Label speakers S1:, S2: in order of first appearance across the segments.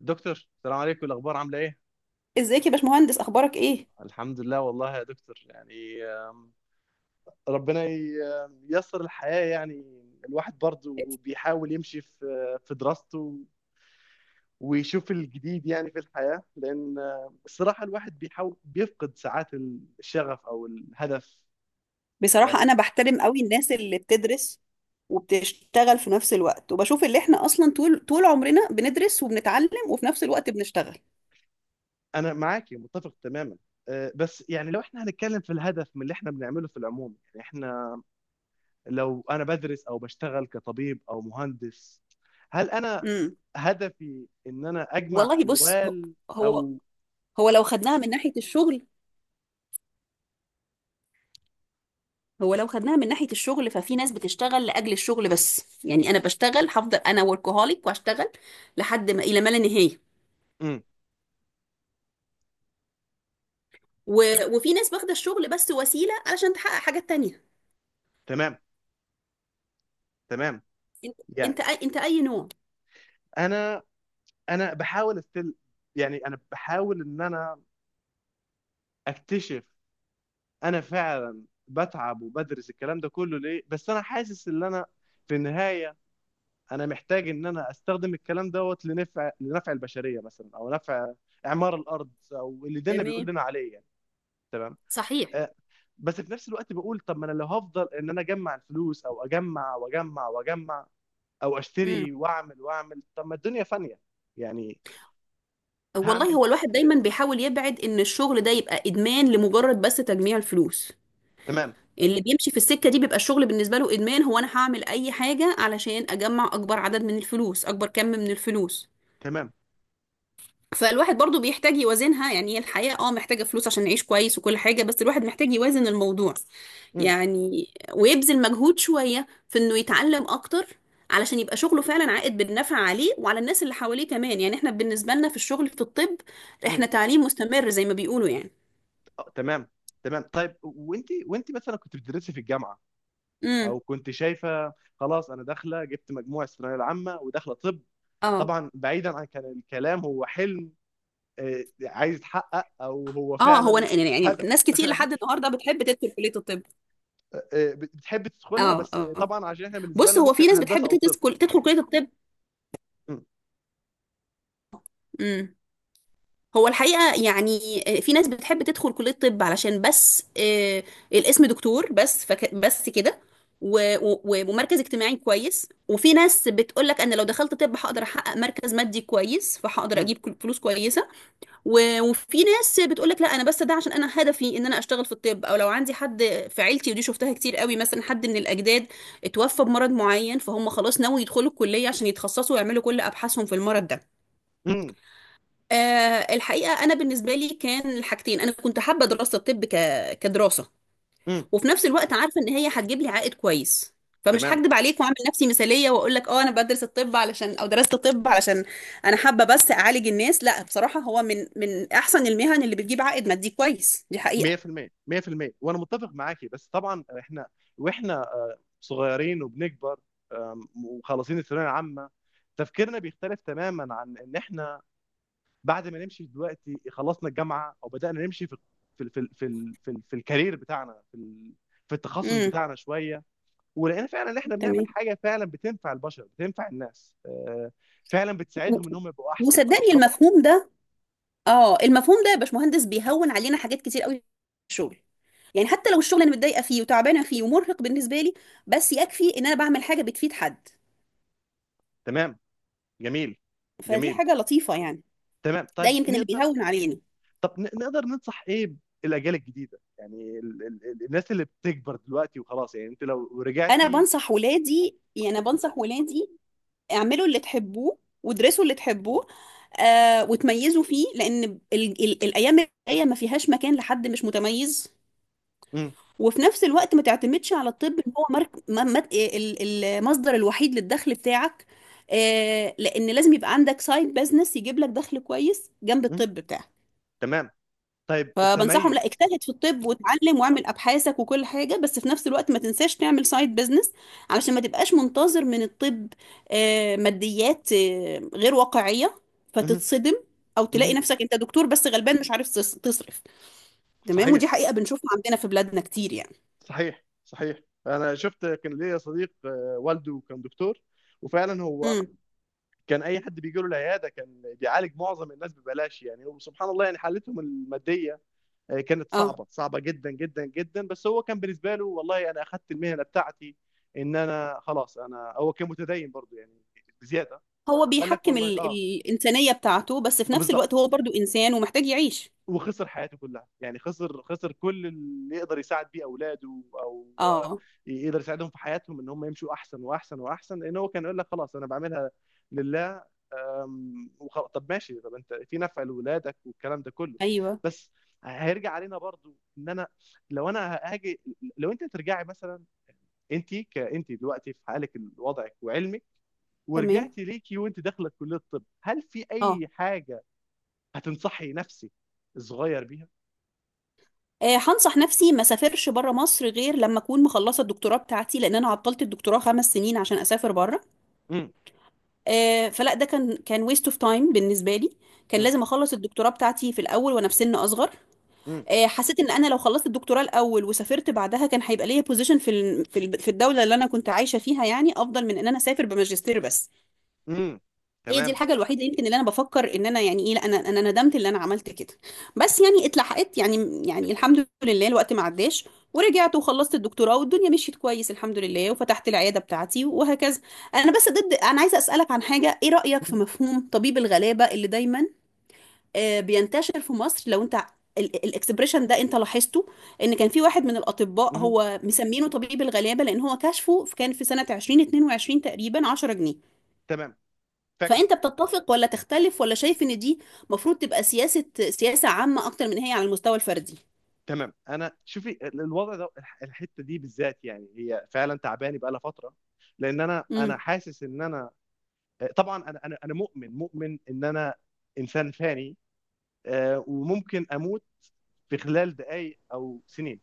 S1: دكتور، السلام عليكم. الاخبار عامله ايه؟
S2: ازيك يا باشمهندس؟ اخبارك ايه؟
S1: الحمد لله والله يا دكتور، يعني ربنا ي- آم، ييسر الحياه يعني. الواحد برضو بيحاول يمشي في دراسته ويشوف الجديد يعني في الحياه، لان الصراحه الواحد بيحاول بيفقد ساعات الشغف او الهدف.
S2: بصراحه
S1: يعني
S2: انا بحترم قوي الناس اللي بتدرس وبتشتغل في نفس الوقت، وبشوف اللي احنا اصلا طول طول عمرنا بندرس وبنتعلم وفي نفس الوقت بنشتغل.
S1: انا معاكي متفق تماما. بس يعني لو احنا هنتكلم في الهدف من اللي احنا بنعمله في العموم، يعني احنا لو انا بدرس او بشتغل كطبيب او مهندس، هل انا
S2: امم.
S1: هدفي ان انا اجمع
S2: والله، بص،
S1: اموال
S2: هو
S1: او
S2: هو لو خدناها من ناحيه الشغل ففي ناس بتشتغل لاجل الشغل بس، يعني انا بشتغل، هفضل انا وركهوليك واشتغل لحد ما الى ما لا نهايه.
S1: امم
S2: وفي ناس واخده الشغل بس وسيله علشان تحقق حاجات تانية.
S1: تمام تمام.
S2: انت
S1: يعني
S2: انت اي نوع؟
S1: انا انا بحاول استل، يعني انا بحاول ان انا اكتشف. انا فعلا بتعب وبدرس الكلام ده كله ليه، بس انا حاسس ان انا في النهاية انا محتاج ان انا استخدم الكلام دوت لنفع البشرية مثلا، او نفع اعمار الارض، او اللي ديننا بيقول
S2: تمام.
S1: لنا عليه يعني. تمام.
S2: صحيح.
S1: آه، بس في نفس الوقت بقول طب ما انا لو هفضل ان انا اجمع الفلوس او اجمع واجمع واجمع او
S2: امم.
S1: اشتري واعمل واعمل، طب ما الدنيا فانية. يعني هعمل
S2: والله، هو الواحد
S1: كده
S2: دايما
S1: ايه؟
S2: بيحاول يبعد ان الشغل ده يبقى ادمان لمجرد بس تجميع الفلوس.
S1: تمام
S2: اللي بيمشي في السكة دي بيبقى الشغل بالنسبة له ادمان، هو انا هعمل اي حاجة علشان اجمع اكبر عدد من الفلوس، اكبر كم من الفلوس.
S1: تمام.
S2: فالواحد برضو بيحتاج يوازنها، يعني هي الحياة محتاجة فلوس عشان نعيش كويس وكل حاجة، بس الواحد محتاج يوازن الموضوع
S1: امم
S2: يعني. ويبذل مجهود شوية في انه يتعلم اكتر، علشان يبقى شغله فعلا عائد بالنفع عليه وعلى الناس اللي حواليه كمان. يعني احنا بالنسبة لنا في الشغل في الطب
S1: امم
S2: احنا تعليم مستمر زي ما بيقولوا يعني.
S1: تمام. تمام، طيب وانت، وانت مثلا كنت بتدرسي في الجامعة،
S2: امم.
S1: او كنت شايفة خلاص انا داخلة، جبت مجموع الثانوية العامة وداخلة طب؟
S2: اه،
S1: طبعا بعيدا عن كان الكلام هو حلم عايز يتحقق، او هو
S2: اه، هو
S1: فعلا
S2: أنا، يعني
S1: هدف.
S2: ناس كتير لحد النهارده بتحب تدخل كلية الطب.
S1: بتحب تدخلها،
S2: اه،
S1: بس
S2: اه،
S1: طبعا عشان احنا بالنسبه
S2: بص،
S1: لنا
S2: هو في
S1: ممكن
S2: ناس بتحب
S1: هندسه او طب.
S2: تدخل كلية الطب.
S1: مم،
S2: امم. هو الحقيقة يعني في ناس بتحب تدخل كلية طب علشان بس الاسم دكتور بس، فك بس كده. و- و- ومركز اجتماعي كويس. وفي ناس بتقول لك انا لو دخلت طب هقدر احقق مركز مادي كويس، فهقدر
S1: مم،
S2: اجيب فلوس كويسة. وفي ناس بتقول لك لا، انا بس ده عشان انا هدفي ان انا اشتغل في الطب، او لو عندي حد في عيلتي، ودي شفتها كتير قوي، مثلا حد من الاجداد اتوفى بمرض معين، فهم خلاص ناوي يدخلوا الكلية عشان يتخصصوا ويعملوا كل ابحاثهم في المرض ده.
S1: مم،
S2: الحقيقة أنا بالنسبة لي كان الحاجتين، أنا كنت حابة دراسة الطب كدراسة،
S1: مم،
S2: وفي نفس الوقت عارفة إن هي هتجيب لي عائد كويس. فمش
S1: تمام.
S2: هكدب عليك وأعمل نفسي مثالية وأقول لك أنا بدرس الطب علشان، أو درست الطب علشان أنا حابة بس أعالج الناس. لا، بصراحة هو من أحسن المهن اللي بتجيب عائد مادي كويس، دي حقيقة.
S1: 100% 100% وانا متفق معاكي، بس طبعا احنا، واحنا صغيرين وبنكبر، وخلصين الثانويه العامه، تفكيرنا بيختلف تماما عن ان احنا بعد ما نمشي دلوقتي، خلصنا الجامعه او بدانا نمشي في في الكارير بتاعنا في في التخصص
S2: امم.
S1: بتاعنا شويه، ولقينا فعلا ان احنا بنعمل
S2: تمام.
S1: حاجه فعلا بتنفع البشر، بتنفع الناس، فعلا
S2: و-
S1: بتساعدهم ان هم يبقوا احسن او
S2: وصدقني
S1: يشعروا افضل.
S2: المفهوم ده، اه المفهوم ده يا باشمهندس بيهون علينا حاجات كتير قوي في الشغل. يعني حتى لو الشغل انا متضايقه فيه وتعبانه فيه ومرهق بالنسبه لي، بس يكفي ان انا بعمل حاجه بتفيد حد.
S1: تمام. جميل.
S2: فدي
S1: جميل.
S2: حاجه لطيفه يعني.
S1: تمام،
S2: ده
S1: طيب
S2: يمكن اللي
S1: نقدر،
S2: بيهون عليني.
S1: طب نقدر ننصح ايه الاجيال الجديده؟ يعني الناس اللي بتكبر دلوقتي وخلاص، يعني انت لو
S2: انا
S1: رجعتي.
S2: بنصح ولادي، يعني انا بنصح ولادي: اعملوا اللي تحبوه وادرسوا اللي تحبوه وتميزوا فيه، لان ال ال الايام الجايه ما فيهاش مكان لحد مش متميز.
S1: مم.
S2: وفي نفس الوقت ما تعتمدش على الطب ان هو مرك... ما- ما- إيه، ال- المصدر الوحيد للدخل بتاعك. لان لازم يبقى عندك سايد بزنس يجيب لك دخل كويس جنب
S1: مم.
S2: الطب بتاعك.
S1: تمام. طيب
S2: فبنصحهم لا،
S1: التميز.
S2: اجتهد في الطب واتعلم واعمل ابحاثك وكل حاجه، بس في نفس الوقت ما تنساش تعمل سايد بزنس علشان ما تبقاش منتظر من الطب ماديات غير واقعيه
S1: مم.
S2: فتتصدم، او تلاقي
S1: مم.
S2: نفسك انت دكتور بس غلبان مش عارف تصرف. تمام، ودي
S1: صحيح.
S2: حقيقه بنشوفها عندنا في بلادنا كتير يعني.
S1: صحيح صحيح. انا شفت، كان ليا صديق والده كان دكتور، وفعلا هو
S2: امم.
S1: كان اي حد بيجي له العياده كان بيعالج معظم الناس ببلاش، يعني وسبحان الله يعني حالتهم الماديه كانت
S2: اه،
S1: صعبه، صعبه جدا جدا جدا. بس هو كان بالنسبه له، والله انا اخذت المهنه بتاعتي ان انا خلاص، انا هو كان متدين برضه يعني بزياده.
S2: هو
S1: قال لك
S2: بيحكم
S1: والله
S2: ال...
S1: اه،
S2: الإنسانية بتاعته بس في نفس
S1: بالظبط.
S2: الوقت هو برضو إنسان ومحتاج يعيش.
S1: وخسر حياته كلها، يعني خسر، خسر كل اللي يقدر يساعد بيه اولاده او
S2: اه.
S1: يقدر يساعدهم في حياتهم، ان هم يمشوا احسن واحسن واحسن، لان هو كان يقول لك خلاص انا بعملها لله. طب ماشي، طب انت في نفع لولادك والكلام ده كله،
S2: ايوه.
S1: بس هيرجع علينا برضو ان انا لو انا هاجي. لو انت ترجعي مثلا، انت كانت دلوقتي في حالك، وضعك وعلمك،
S2: تمام.
S1: ورجعتي ليكي وانت داخله كليه الطب، هل في
S2: اه.
S1: اي حاجه هتنصحي نفسك الصغير بيها؟
S2: هنصح نفسي ما سافرش بره مصر غير لما اكون مخلصه الدكتوراه بتاعتي، لان انا عطلت الدكتوراه 5 سنين عشان اسافر بره.
S1: امم.
S2: فلا، ده كان ويست اوف تايم بالنسبه لي، كان
S1: امم.
S2: لازم اخلص الدكتوراه بتاعتي في الاول وانا في سن اصغر. حسيت ان انا لو خلصت الدكتوراه الاول وسافرت بعدها كان هيبقى ليا بوزيشن في الدوله اللي انا كنت عايشه فيها، يعني افضل من ان انا اسافر بماجستير بس.
S1: امم.
S2: هي دي
S1: تمام.
S2: الحاجة الوحيدة يمكن اللي انا بفكر ان انا، يعني ايه، لا، انا ندمت اللي انا عملت كده، بس يعني اتلحقت، يعني الحمد لله الوقت ما عداش، ورجعت وخلصت الدكتوراه والدنيا مشيت كويس الحمد لله، وفتحت العيادة بتاعتي وهكذا. انا بس ضد، انا عايزة اسألك عن حاجة: ايه رأيك
S1: مم.
S2: في مفهوم طبيب الغلابة اللي دايما بينتشر في مصر؟ لو انت الاكسبريشن ده انت لاحظته، ان كان في واحد من الاطباء
S1: مم.
S2: هو مسمينه طبيب الغلابه لان هو كشفه كان في سنه 2022 تقريبا 10 جنيه.
S1: تمام، فاكره.
S2: فانت بتتفق ولا تختلف، ولا شايف ان دي مفروض تبقى سياسة عامة اكتر من هي على المستوى الفردي؟
S1: تمام. انا شوفي الوضع ده، الحته دي بالذات، يعني هي فعلا تعباني بقى لها فتره، لان انا
S2: امم.
S1: حاسس ان انا طبعا انا مؤمن، مؤمن ان انا انسان فاني، وممكن اموت في خلال دقائق او سنين.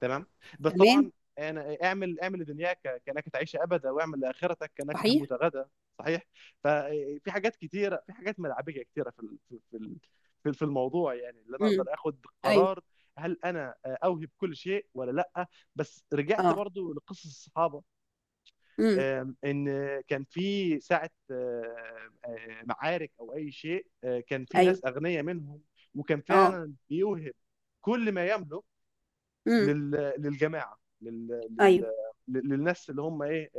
S1: تمام. بس
S2: تمام.
S1: طبعا، انا اعمل، اعمل لدنياك كانك تعيش ابدا واعمل لاخرتك كانك
S2: صحيح.
S1: تموت غدا. صحيح. ففي حاجات كتيره، في حاجات ملعبيه كتيره في الموضوع، يعني اللي انا
S2: امم.
S1: اقدر اخد
S2: ايوه.
S1: قرار هل انا اوهب كل شيء ولا لا؟ بس رجعت
S2: اه.
S1: برضو لقصص الصحابه
S2: امم.
S1: ان كان في ساعه معارك او اي شيء، كان في
S2: ايوه.
S1: ناس اغنياء منهم، وكان
S2: اه.
S1: فعلا بيوهب كل ما يملك
S2: امم.
S1: لل... للجماعه،
S2: ايوه.
S1: للناس اللي هم ايه،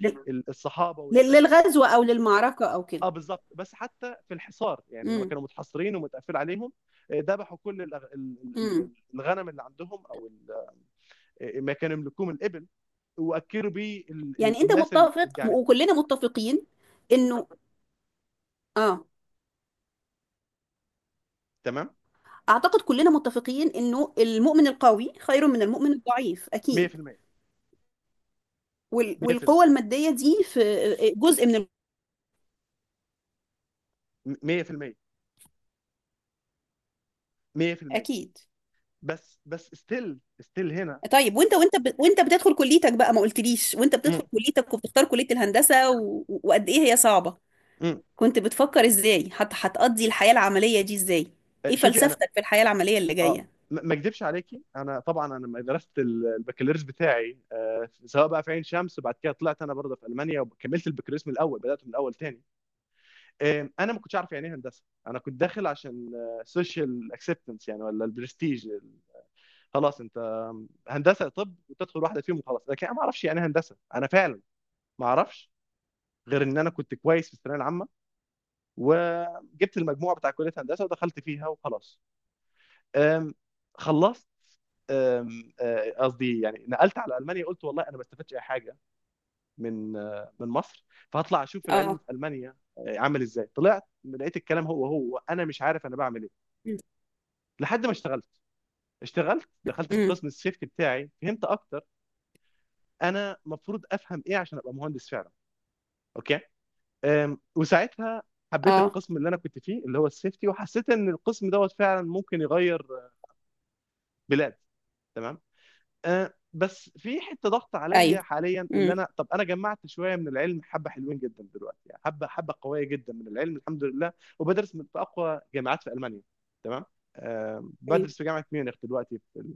S2: لل-
S1: الصحابه
S2: لل-
S1: والناس اللي هم.
S2: للغزو او للمعركة او كده.
S1: اه بالظبط، بس حتى في الحصار، يعني لما
S2: امم.
S1: كانوا متحصرين ومتقفل عليهم، ذبحوا كل
S2: امم.
S1: الغنم اللي عندهم، او ما كانوا يملكوه من الابل، واكلوا بيه
S2: يعني انت
S1: الناس
S2: متفق
S1: الجعانين.
S2: وكلنا متفقين انه اه
S1: تمام.
S2: اعتقد كلنا متفقين انه المؤمن القوي خير من المؤمن الضعيف اكيد.
S1: 100%
S2: وال-
S1: 100%
S2: والقوة المادية دي في جزء من
S1: 100% 100%
S2: اكيد.
S1: بس بس ستيل ستيل هنا.
S2: طيب، وانت بتدخل كليتك بقى، ما قلتليش وانت بتدخل
S1: مم.
S2: كليتك وبتختار كلية الهندسة وقد ايه هي صعبة؟
S1: مم.
S2: كنت بتفكر ازاي هتقضي الحياة العملية دي ازاي؟ ايه
S1: شوفي انا،
S2: فلسفتك في الحياة العملية اللي
S1: اه
S2: جاية؟
S1: ما اكدبش عليكي. انا طبعا انا لما درست البكالوريوس بتاعي، سواء بقى في عين شمس، بعد كده طلعت انا برضه في المانيا وكملت البكالوريوس من الاول، بدات من الاول تاني. انا ما كنتش عارف يعني ايه هندسه، انا كنت داخل عشان سوشيال اكسبتنس يعني، ولا البرستيج خلاص انت هندسه طب وتدخل واحده فيهم وخلاص، لكن انا ما اعرفش يعني إيه هندسه، انا فعلا ما اعرفش غير ان انا كنت كويس في الثانويه العامه وجبت المجموع بتاع كليه هندسه ودخلت فيها وخلاص. آم، خلصت قصدي يعني نقلت على المانيا، قلت والله انا ما استفدتش اي حاجه من من مصر، فهطلع اشوف العلم
S2: اه.
S1: في المانيا عامل ازاي. طلعت لقيت الكلام هو انا مش عارف انا بعمل ايه،
S2: امم.
S1: لحد ما اشتغلت. اشتغلت دخلت في
S2: امم.
S1: قسم السيفتي بتاعي، فهمت اكتر انا المفروض افهم ايه عشان ابقى مهندس فعلا. اوكي. وساعتها حبيت
S2: اه.
S1: القسم اللي انا كنت فيه، اللي هو السيفتي، وحسيت ان القسم دوت فعلا ممكن يغير بلاد. تمام. بس في حته ضغط
S2: ايوه.
S1: عليا حاليا، اللي
S2: امم.
S1: انا طب انا جمعت شويه من العلم، حبه حلوين جدا دلوقتي، يعني حبه، حبه قويه جدا من العلم الحمد لله، وبدرس من في اقوى جامعات في المانيا. تمام.
S2: تمام.
S1: بدرس في جامعه ميونخ دلوقتي في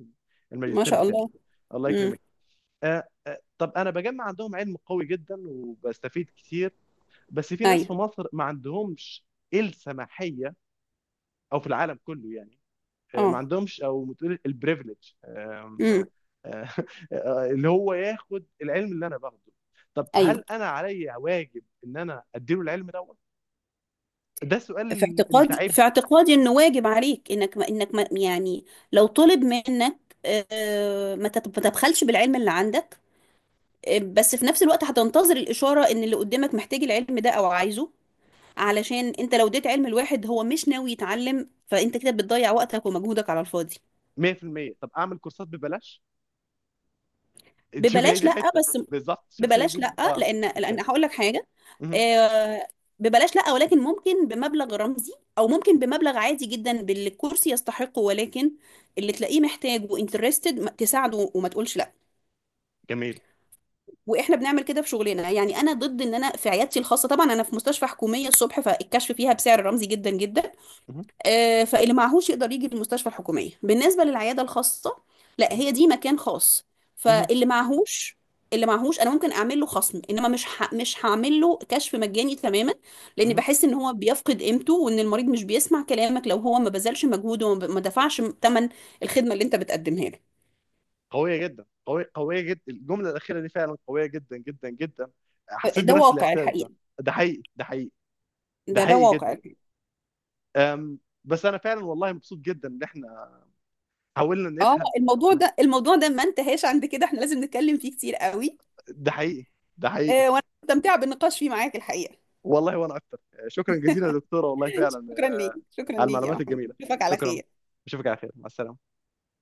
S2: ما
S1: الماجستير
S2: شاء
S1: بتاعي.
S2: الله.
S1: الله
S2: امم.
S1: يكرمك. طب انا بجمع عندهم علم قوي جدا وبستفيد كتير، بس في ناس في
S2: ايوه.
S1: مصر ما عندهمش السماحيه، او في العالم كله يعني ما
S2: اه.
S1: عندهمش، او بتقول البريفليج،
S2: امم.
S1: اللي هو ياخد العلم اللي انا باخده. طب هل
S2: ايوه.
S1: انا عليا واجب ان انا اديله العلم دوت؟ ده سؤال
S2: في
S1: اللي
S2: اعتقادي، في
S1: تعبني.
S2: اعتقادي انه واجب عليك، انك ما يعني، لو طلب منك ما تبخلش بالعلم اللي عندك. بس في نفس الوقت هتنتظر الإشارة إن اللي قدامك محتاج العلم ده أو عايزه، علشان أنت لو اديت علم لواحد هو مش ناوي يتعلم فأنت كده بتضيع وقتك ومجهودك على الفاضي.
S1: 100% طب اعمل كورسات ببلاش؟ شوف هي
S2: ببلاش؟
S1: دي
S2: لأ،
S1: الحته،
S2: بس.
S1: بالظبط، شفت هي دي
S2: ببلاش لأ،
S1: اه.
S2: لأن
S1: اوكي.
S2: لأن هقول لك حاجة.
S1: مهم.
S2: آه، ببلاش لأ، ولكن ممكن بمبلغ رمزي، أو ممكن بمبلغ عادي جدا باللي الكورس يستحقه، ولكن اللي تلاقيه محتاج وانترستد تساعده وما تقولش لأ.
S1: جميل.
S2: واحنا بنعمل كده في شغلنا، يعني انا ضد ان انا في عيادتي الخاصه، طبعا انا في مستشفى حكوميه الصبح فالكشف فيها بسعر رمزي جدا جدا.
S1: مهم.
S2: فاللي معهوش يقدر يجي المستشفى الحكوميه، بالنسبه للعياده الخاصه لا،
S1: مهم.
S2: هي دي مكان خاص.
S1: مهم.
S2: فاللي معهوش انا ممكن اعمل له خصم، انما مش هعمل له كشف مجاني تماما، لان
S1: مهم.
S2: بحس ان هو بيفقد قيمته، وان المريض مش بيسمع كلامك لو هو ما بذلش مجهود وما ب- ما دفعش ثمن الخدمه اللي انت بتقدمها له.
S1: قويه جدا، قويه، قويه جدا، الجمله الاخيره دي فعلا قويه جدا جدا جدا. حسيت
S2: ده
S1: بنفس
S2: واقع
S1: الاحساس ده.
S2: الحقيقه،
S1: ده حقيقي. ده حقيقي. ده
S2: ده
S1: حقيقي
S2: واقع.
S1: جدا. أم، بس انا فعلا والله مبسوط جدا ان احنا حاولنا
S2: اه،
S1: نفهم.
S2: الموضوع ده ما انتهاش عند كده، احنا لازم نتكلم فيه كتير قوي.
S1: ده حقيقي. ده حقيقي.
S2: وانا مستمتعه بالنقاش فيه معاك الحقيقه.
S1: والله وانا اكتر. شكرا جزيلا يا دكتوره، والله فعلا
S2: شكرا ليك، شكرا
S1: على
S2: ليك يا
S1: المعلومات
S2: محمود،
S1: الجميله.
S2: اشوفك على
S1: شكرا.
S2: خير.
S1: اشوفك على خير، مع السلامه.